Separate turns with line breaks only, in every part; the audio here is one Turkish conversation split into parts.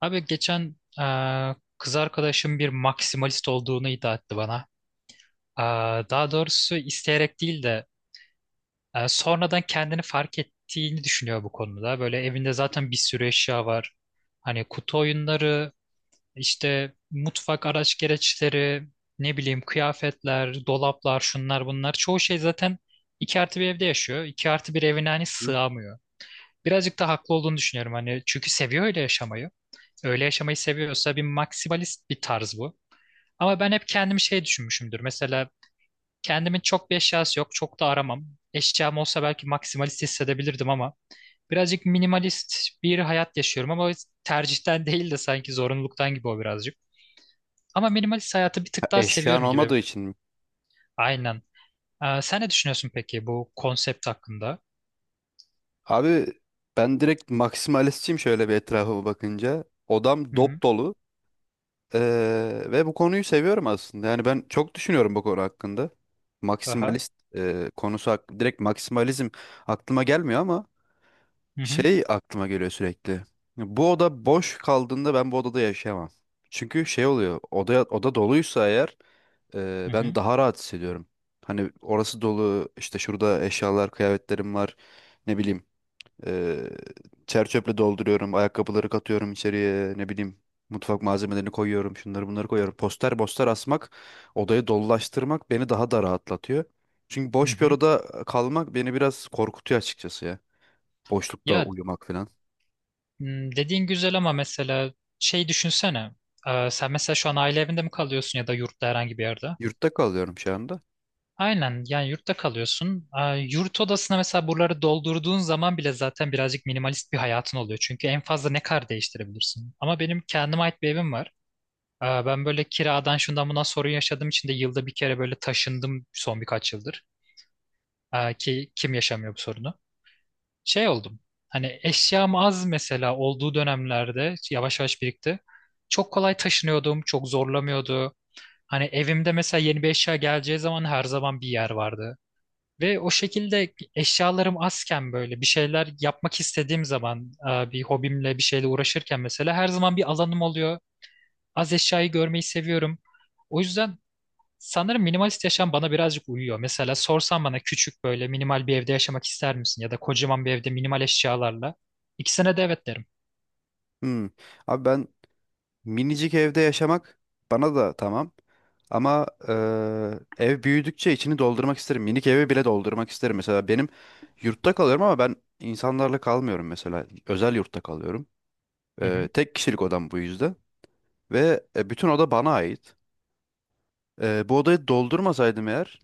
Abi geçen kız arkadaşım bir maksimalist olduğunu iddia etti bana. Eee, daha doğrusu isteyerek değil de sonradan kendini fark ettiğini düşünüyor bu konuda. Böyle evinde zaten bir sürü eşya var. Hani kutu oyunları, işte mutfak araç gereçleri, ne bileyim kıyafetler, dolaplar, şunlar bunlar. Çoğu şey zaten 2 artı bir evde yaşıyor. 2 artı bir evine hani sığamıyor. Birazcık da haklı olduğunu düşünüyorum. Hani çünkü seviyor öyle yaşamayı. Öyle yaşamayı seviyorsa bir maksimalist bir tarz bu. Ama ben hep kendimi şey düşünmüşümdür. Mesela kendimin çok bir eşyası yok. Çok da aramam. Eşyam olsa belki maksimalist hissedebilirdim ama birazcık minimalist bir hayat yaşıyorum ama tercihten değil de sanki zorunluluktan gibi o birazcık. Ama minimalist hayatı bir
Ha,
tık daha
eşyan
seviyorum gibi.
olmadığı için mi?
Aynen. Sen ne düşünüyorsun peki bu konsept hakkında?
Abi ben direkt maksimalistçiyim şöyle bir etrafıma bakınca. Odam
Hı hı.
dop dolu. Ve bu konuyu seviyorum aslında. Yani ben çok düşünüyorum bu konu hakkında.
Aha.
Maksimalist direkt maksimalizm aklıma gelmiyor ama
Hı hı.
şey aklıma geliyor sürekli. Bu oda boş kaldığında ben bu odada yaşayamam. Çünkü şey oluyor. Oda doluysa eğer
Hı
ben
hı.
daha rahat hissediyorum. Hani orası dolu, işte şurada eşyalar, kıyafetlerim var. Ne bileyim, ee, çer çöple dolduruyorum, ayakkabıları katıyorum içeriye, ne bileyim. Mutfak malzemelerini koyuyorum, şunları bunları koyuyorum. Poster poster asmak, odayı dolulaştırmak beni daha da rahatlatıyor. Çünkü
Hı
boş bir
hı.
odada kalmak beni biraz korkutuyor açıkçası ya. Boşlukta
Ya,
uyumak falan.
Dediğin güzel ama mesela şey düşünsene. Sen mesela şu an aile evinde mi kalıyorsun ya da yurtta herhangi bir yerde?
Yurtta kalıyorum şu anda.
Aynen yani yurtta kalıyorsun. Yurt odasına mesela buraları doldurduğun zaman bile zaten birazcık minimalist bir hayatın oluyor. Çünkü en fazla ne kadar değiştirebilirsin? Ama benim kendime ait bir evim var. Ben böyle kiradan şundan buna sorun yaşadığım için de yılda bir kere böyle taşındım son birkaç yıldır. Ki kim yaşamıyor bu sorunu? Şey oldum. Hani eşyam az mesela olduğu dönemlerde yavaş yavaş birikti. Çok kolay taşınıyordum, çok zorlamıyordu. Hani evimde mesela yeni bir eşya geleceği zaman her zaman bir yer vardı. Ve o şekilde eşyalarım azken böyle bir şeyler yapmak istediğim zaman bir hobimle bir şeyle uğraşırken mesela her zaman bir alanım oluyor. Az eşyayı görmeyi seviyorum. O yüzden sanırım minimalist yaşam bana birazcık uyuyor. Mesela sorsan bana küçük böyle minimal bir evde yaşamak ister misin? Ya da kocaman bir evde minimal eşyalarla. İkisine de evet derim.
Hmm. Abi ben minicik evde yaşamak bana da tamam. Ama ev büyüdükçe içini doldurmak isterim. Minik evi bile doldurmak isterim. Mesela benim yurtta kalıyorum ama ben insanlarla kalmıyorum mesela. Özel yurtta kalıyorum.
Hı hı.
Tek kişilik odam bu yüzden. Ve bütün oda bana ait. Bu odayı doldurmasaydım eğer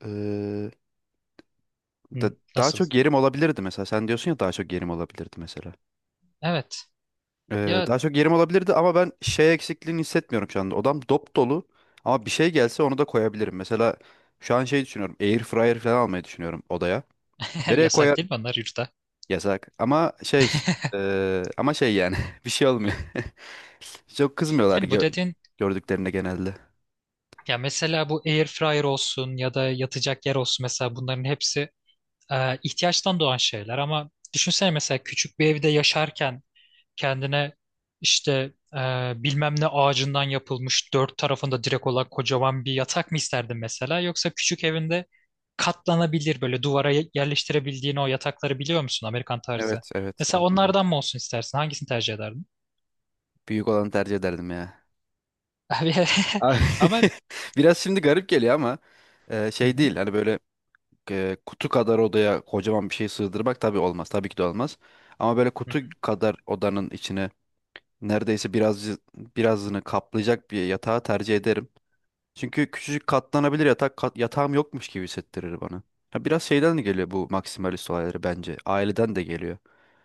eee,
Hı,
daha
nasıl?
çok yerim olabilirdi mesela. Sen diyorsun ya daha çok yerim olabilirdi mesela.
Evet. Ya,
Daha çok yerim olabilirdi ama ben şey eksikliğini hissetmiyorum şu anda. Odam dop dolu ama bir şey gelse onu da koyabilirim. Mesela şu an şey düşünüyorum. Air fryer falan almayı düşünüyorum odaya. Nereye
yasak
koyar?
değil mi onlar yurtta?
Yasak. Ama şey ama şey yani bir şey olmuyor. Çok kızmıyorlar
Yani bu
gö-
dediğin
gördüklerinde genelde.
ya mesela bu air fryer olsun ya da yatacak yer olsun mesela bunların hepsi ihtiyaçtan doğan şeyler ama düşünsene mesela küçük bir evde yaşarken kendine işte e, bilmem ne ağacından yapılmış dört tarafında direk olan kocaman bir yatak mı isterdin mesela yoksa küçük evinde katlanabilir böyle duvara yerleştirebildiğin o yatakları biliyor musun Amerikan tarzı?
Evet evet,
Mesela
evet, biliyorum.
onlardan mı olsun istersin? Hangisini tercih ederdin?
Büyük olanı tercih ederdim ya.
Abi,
Ay,
ama
biraz şimdi garip geliyor ama
hı
şey
hı,
değil. Hani böyle kutu kadar odaya kocaman bir şey sığdırmak tabii olmaz. Tabii ki de olmaz. Ama böyle
hı
kutu
hı,
kadar odanın içine neredeyse birazını kaplayacak bir yatağı tercih ederim. Çünkü küçücük katlanabilir yatağım yokmuş gibi hissettirir bana. Ha, biraz şeyden de geliyor bu maksimalist olayları bence. Aileden de geliyor.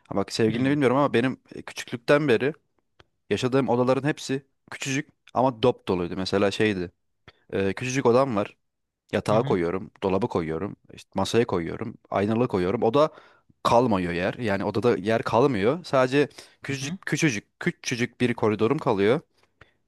Ha, bak sevgilini bilmiyorum ama benim küçüklükten beri yaşadığım odaların hepsi küçücük ama dop doluydu. Mesela şeydi. Küçücük odam var.
hı
Yatağa
hı,
koyuyorum, dolaba koyuyorum, işte masaya koyuyorum, aynalığa koyuyorum. O da kalmıyor yer. Yani odada yer kalmıyor. Sadece
hı hı.
küçücük küçücük küçücük bir koridorum kalıyor.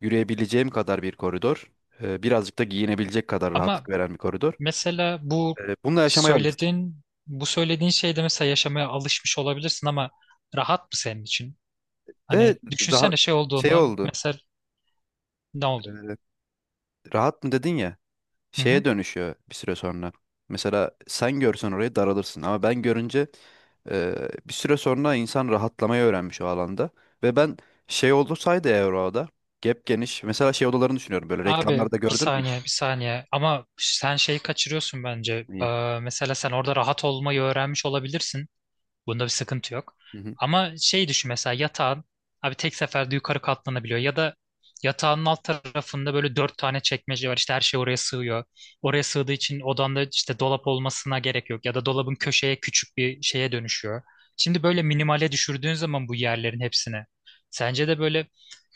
Yürüyebileceğim kadar bir koridor. Birazcık da giyinebilecek kadar rahatlık
Ama
veren bir koridor.
mesela bu
Bununla yaşamaya alıştım.
söylediğin şeyde mesela yaşamaya alışmış olabilirsin ama rahat mı senin için?
Ve
Hani
rahat
düşünsene şey
şey
olduğunu
oldu.
mesela. Ne oldu?
Ee, Rahat mı dedin ya?
Hı hı.
Şeye dönüşüyor bir süre sonra. Mesela sen görsen orayı daralırsın ama ben görünce e, bir süre sonra insan rahatlamayı öğrenmiş o alanda. Ve ben şey olursaydı eğer orada gep geniş mesela şey odalarını düşünüyorum böyle
Abi,
reklamlarda
bir
gördün mü hiç?
saniye bir saniye ama sen şeyi kaçırıyorsun bence.
İyi.
Mesela sen orada rahat olmayı öğrenmiş olabilirsin. Bunda bir sıkıntı yok.
Hı hı.
Ama şey düşün mesela yatağın abi tek seferde yukarı katlanabiliyor ya da yatağın alt tarafında böyle dört tane çekmece var işte her şey oraya sığıyor. Oraya sığdığı için odanda işte dolap olmasına gerek yok ya da dolabın köşeye küçük bir şeye dönüşüyor. Şimdi böyle minimale düşürdüğün zaman bu yerlerin hepsine sence de böyle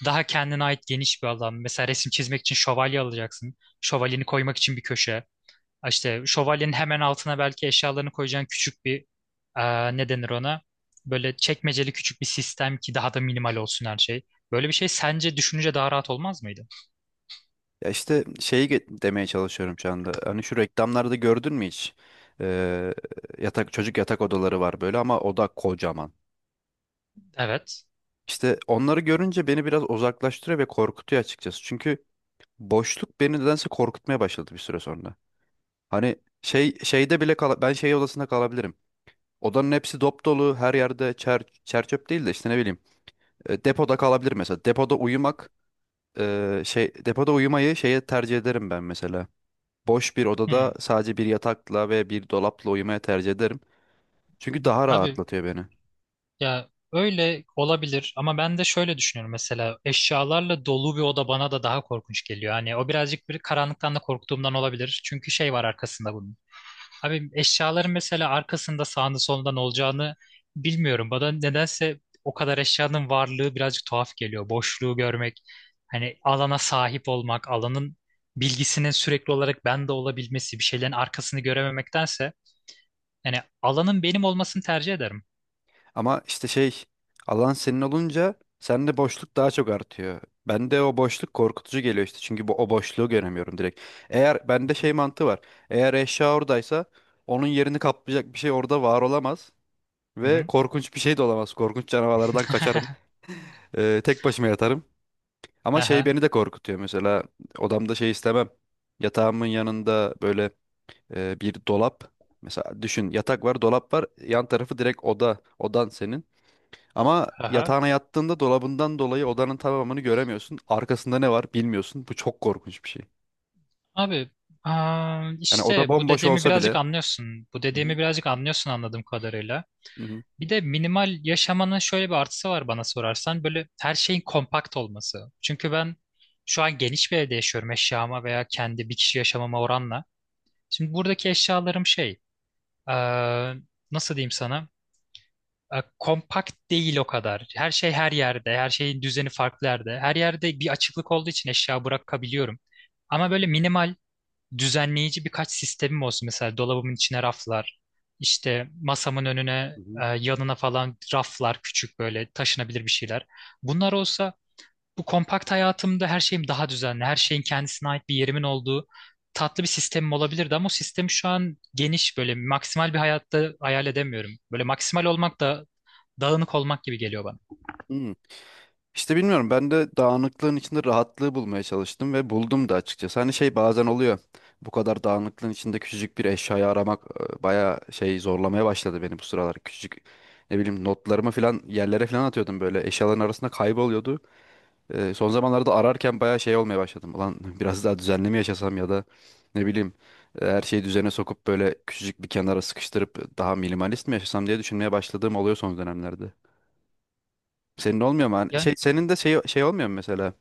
daha kendine ait geniş bir alan. Mesela resim çizmek için şövalye alacaksın. Şövalyeni koymak için bir köşe. İşte şövalyenin hemen altına belki eşyalarını koyacağın küçük bir ne denir ona? Böyle çekmeceli küçük bir sistem ki daha da minimal olsun her şey. Böyle bir şey sence düşününce daha rahat olmaz mıydı?
Ya işte demeye çalışıyorum şu anda. Hani şu reklamlarda gördün mü hiç? E, Çocuk yatak odaları var böyle ama oda kocaman.
Evet.
İşte onları görünce beni biraz uzaklaştırıyor ve korkutuyor açıkçası. Çünkü boşluk beni nedense korkutmaya başladı bir süre sonra. Hani ben şey odasında kalabilirim. Odanın hepsi dop dolu, her yerde çer çöp değil de işte ne bileyim. Depoda kalabilir mesela. Depoda uyumak depoda uyumayı şeye tercih ederim ben mesela. Boş bir odada
Hmm.
sadece bir yatakla ve bir dolapla uyumaya tercih ederim. Çünkü daha
Abi,
rahatlatıyor beni.
ya öyle olabilir ama ben de şöyle düşünüyorum mesela eşyalarla dolu bir oda bana da daha korkunç geliyor. Hani o birazcık bir karanlıktan da korktuğumdan olabilir. Çünkü şey var arkasında bunun. Abi, eşyaların mesela arkasında sağında solunda ne olacağını bilmiyorum. Bana nedense o kadar eşyanın varlığı birazcık tuhaf geliyor. Boşluğu görmek, hani alana sahip olmak, alanın bilgisinin sürekli olarak bende olabilmesi, bir şeylerin arkasını görememektense yani alanın benim olmasını tercih ederim.
Ama işte şey alan senin olunca sende boşluk daha çok artıyor. Bende o boşluk korkutucu geliyor işte çünkü o boşluğu göremiyorum direkt.
Hı
Bende
hı.
şey mantığı var. Eğer eşya oradaysa onun yerini kaplayacak bir şey orada var olamaz.
Hı
Ve
hı.
korkunç bir şey de olamaz. Korkunç canavarlardan kaçarım. Tek başıma yatarım. Ama şey
Aha.
beni de korkutuyor mesela odamda şey istemem. Yatağımın yanında böyle bir dolap. Mesela düşün yatak var dolap var yan tarafı direkt oda. Odan senin. Ama
Aha.
yatağına yattığında dolabından dolayı odanın tamamını göremiyorsun. Arkasında ne var bilmiyorsun. Bu çok korkunç bir şey.
Abi,
Yani oda
işte bu
bomboş
dediğimi
olsa
birazcık
bile.
anlıyorsun. Bu
Hı hı,
dediğimi birazcık anlıyorsun anladığım kadarıyla.
hı hı,
Bir de minimal yaşamanın şöyle bir artısı var bana sorarsan. Böyle her şeyin kompakt olması. Çünkü ben şu an geniş bir evde yaşıyorum eşyama veya kendi bir kişi yaşamama oranla. Şimdi buradaki eşyalarım şey, aa, nasıl diyeyim sana? Kompakt değil o kadar. Her şey her yerde. Her şeyin düzeni farklı yerde. Her yerde bir açıklık olduğu için eşya bırakabiliyorum. Ama böyle minimal düzenleyici birkaç sistemim olsun. Mesela dolabımın içine raflar, işte masamın önüne,
hı hı.
yanına falan raflar, küçük böyle taşınabilir bir şeyler. Bunlar olsa bu kompakt hayatımda her şeyim daha düzenli, her şeyin kendisine ait bir yerimin olduğu tatlı bir sistemim olabilirdi ama o sistemi şu an geniş böyle maksimal bir hayatta hayal edemiyorum. Böyle maksimal olmak da dağınık olmak gibi geliyor bana.
Hı. İşte bilmiyorum, ben de dağınıklığın içinde rahatlığı bulmaya çalıştım ve buldum da açıkçası. Hani şey bazen oluyor. Bu kadar dağınıklığın içinde küçücük bir eşyayı aramak bayağı şey zorlamaya başladı beni bu sıralar. Küçücük ne bileyim notlarımı falan yerlere falan atıyordum böyle. Eşyaların arasında kayboluyordu. Son zamanlarda ararken bayağı şey olmaya başladım. Ulan biraz daha düzenli mi yaşasam ya da ne bileyim her şeyi düzene sokup böyle küçücük bir kenara sıkıştırıp daha minimalist mi yaşasam diye düşünmeye başladığım oluyor son dönemlerde. Senin olmuyor mu? Hani
Ya,
şey, senin de şey, şey olmuyor mu mesela?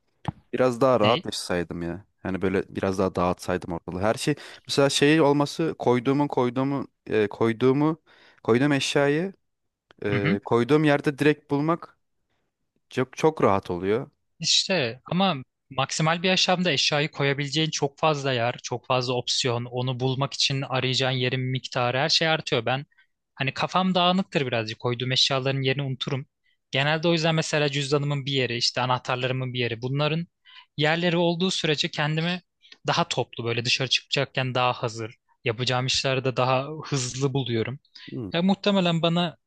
Biraz daha rahat
ne?
yaşasaydım ya. Yani böyle biraz daha dağıtsaydım ortalığı. Her şey mesela şey olması koyduğum eşyayı koyduğum yerde direkt bulmak çok çok rahat oluyor.
İşte ama maksimal bir yaşamda eşyayı koyabileceğin çok fazla yer, çok fazla opsiyon, onu bulmak için arayacağın yerin miktarı her şey artıyor. Ben hani kafam dağınıktır birazcık koyduğum eşyaların yerini unuturum. Genelde o yüzden mesela cüzdanımın bir yeri, işte anahtarlarımın bir yeri bunların yerleri olduğu sürece kendimi daha toplu böyle dışarı çıkacakken daha hazır, yapacağım işlerde daha hızlı buluyorum. Ya muhtemelen bana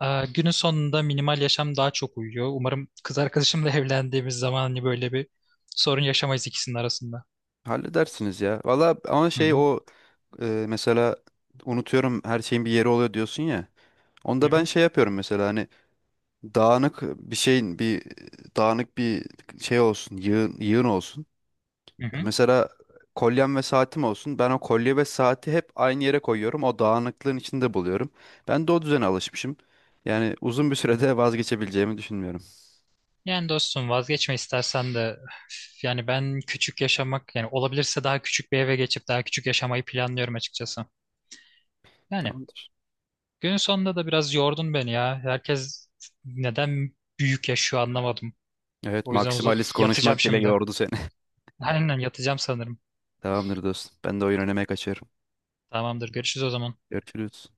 Günün sonunda minimal yaşam daha çok uyuyor. Umarım kız arkadaşımla evlendiğimiz zaman hani böyle bir sorun yaşamayız ikisinin arasında.
Halledersiniz ya. Valla ama
Hı
şey
hı,
o mesela unutuyorum, her şeyin bir yeri oluyor diyorsun ya.
hı
Onda ben
hı,
şey yapıyorum mesela hani dağınık bir şeyin bir dağınık bir şey olsun, yığın, yığın olsun.
hı hı.
Mesela kolyem ve saatim olsun. Ben o kolye ve saati hep aynı yere koyuyorum. O dağınıklığın içinde buluyorum. Ben de o düzene alışmışım. Yani uzun bir sürede vazgeçebileceğimi düşünmüyorum.
Yani dostum vazgeçme istersen de üf, yani ben küçük yaşamak yani olabilirse daha küçük bir eve geçip daha küçük yaşamayı planlıyorum açıkçası. Yani
Tamamdır.
günün sonunda da biraz yordun beni ya. Herkes neden büyük yaşıyor anlamadım.
Evet,
O yüzden
maksimalist
yatacağım
konuşmak bile
şimdi.
yordu seni.
Aynen yatacağım sanırım.
Tamamdır dostum. Ben de oyun oynamaya kaçıyorum.
Tamamdır görüşürüz o zaman.
Görüşürüz.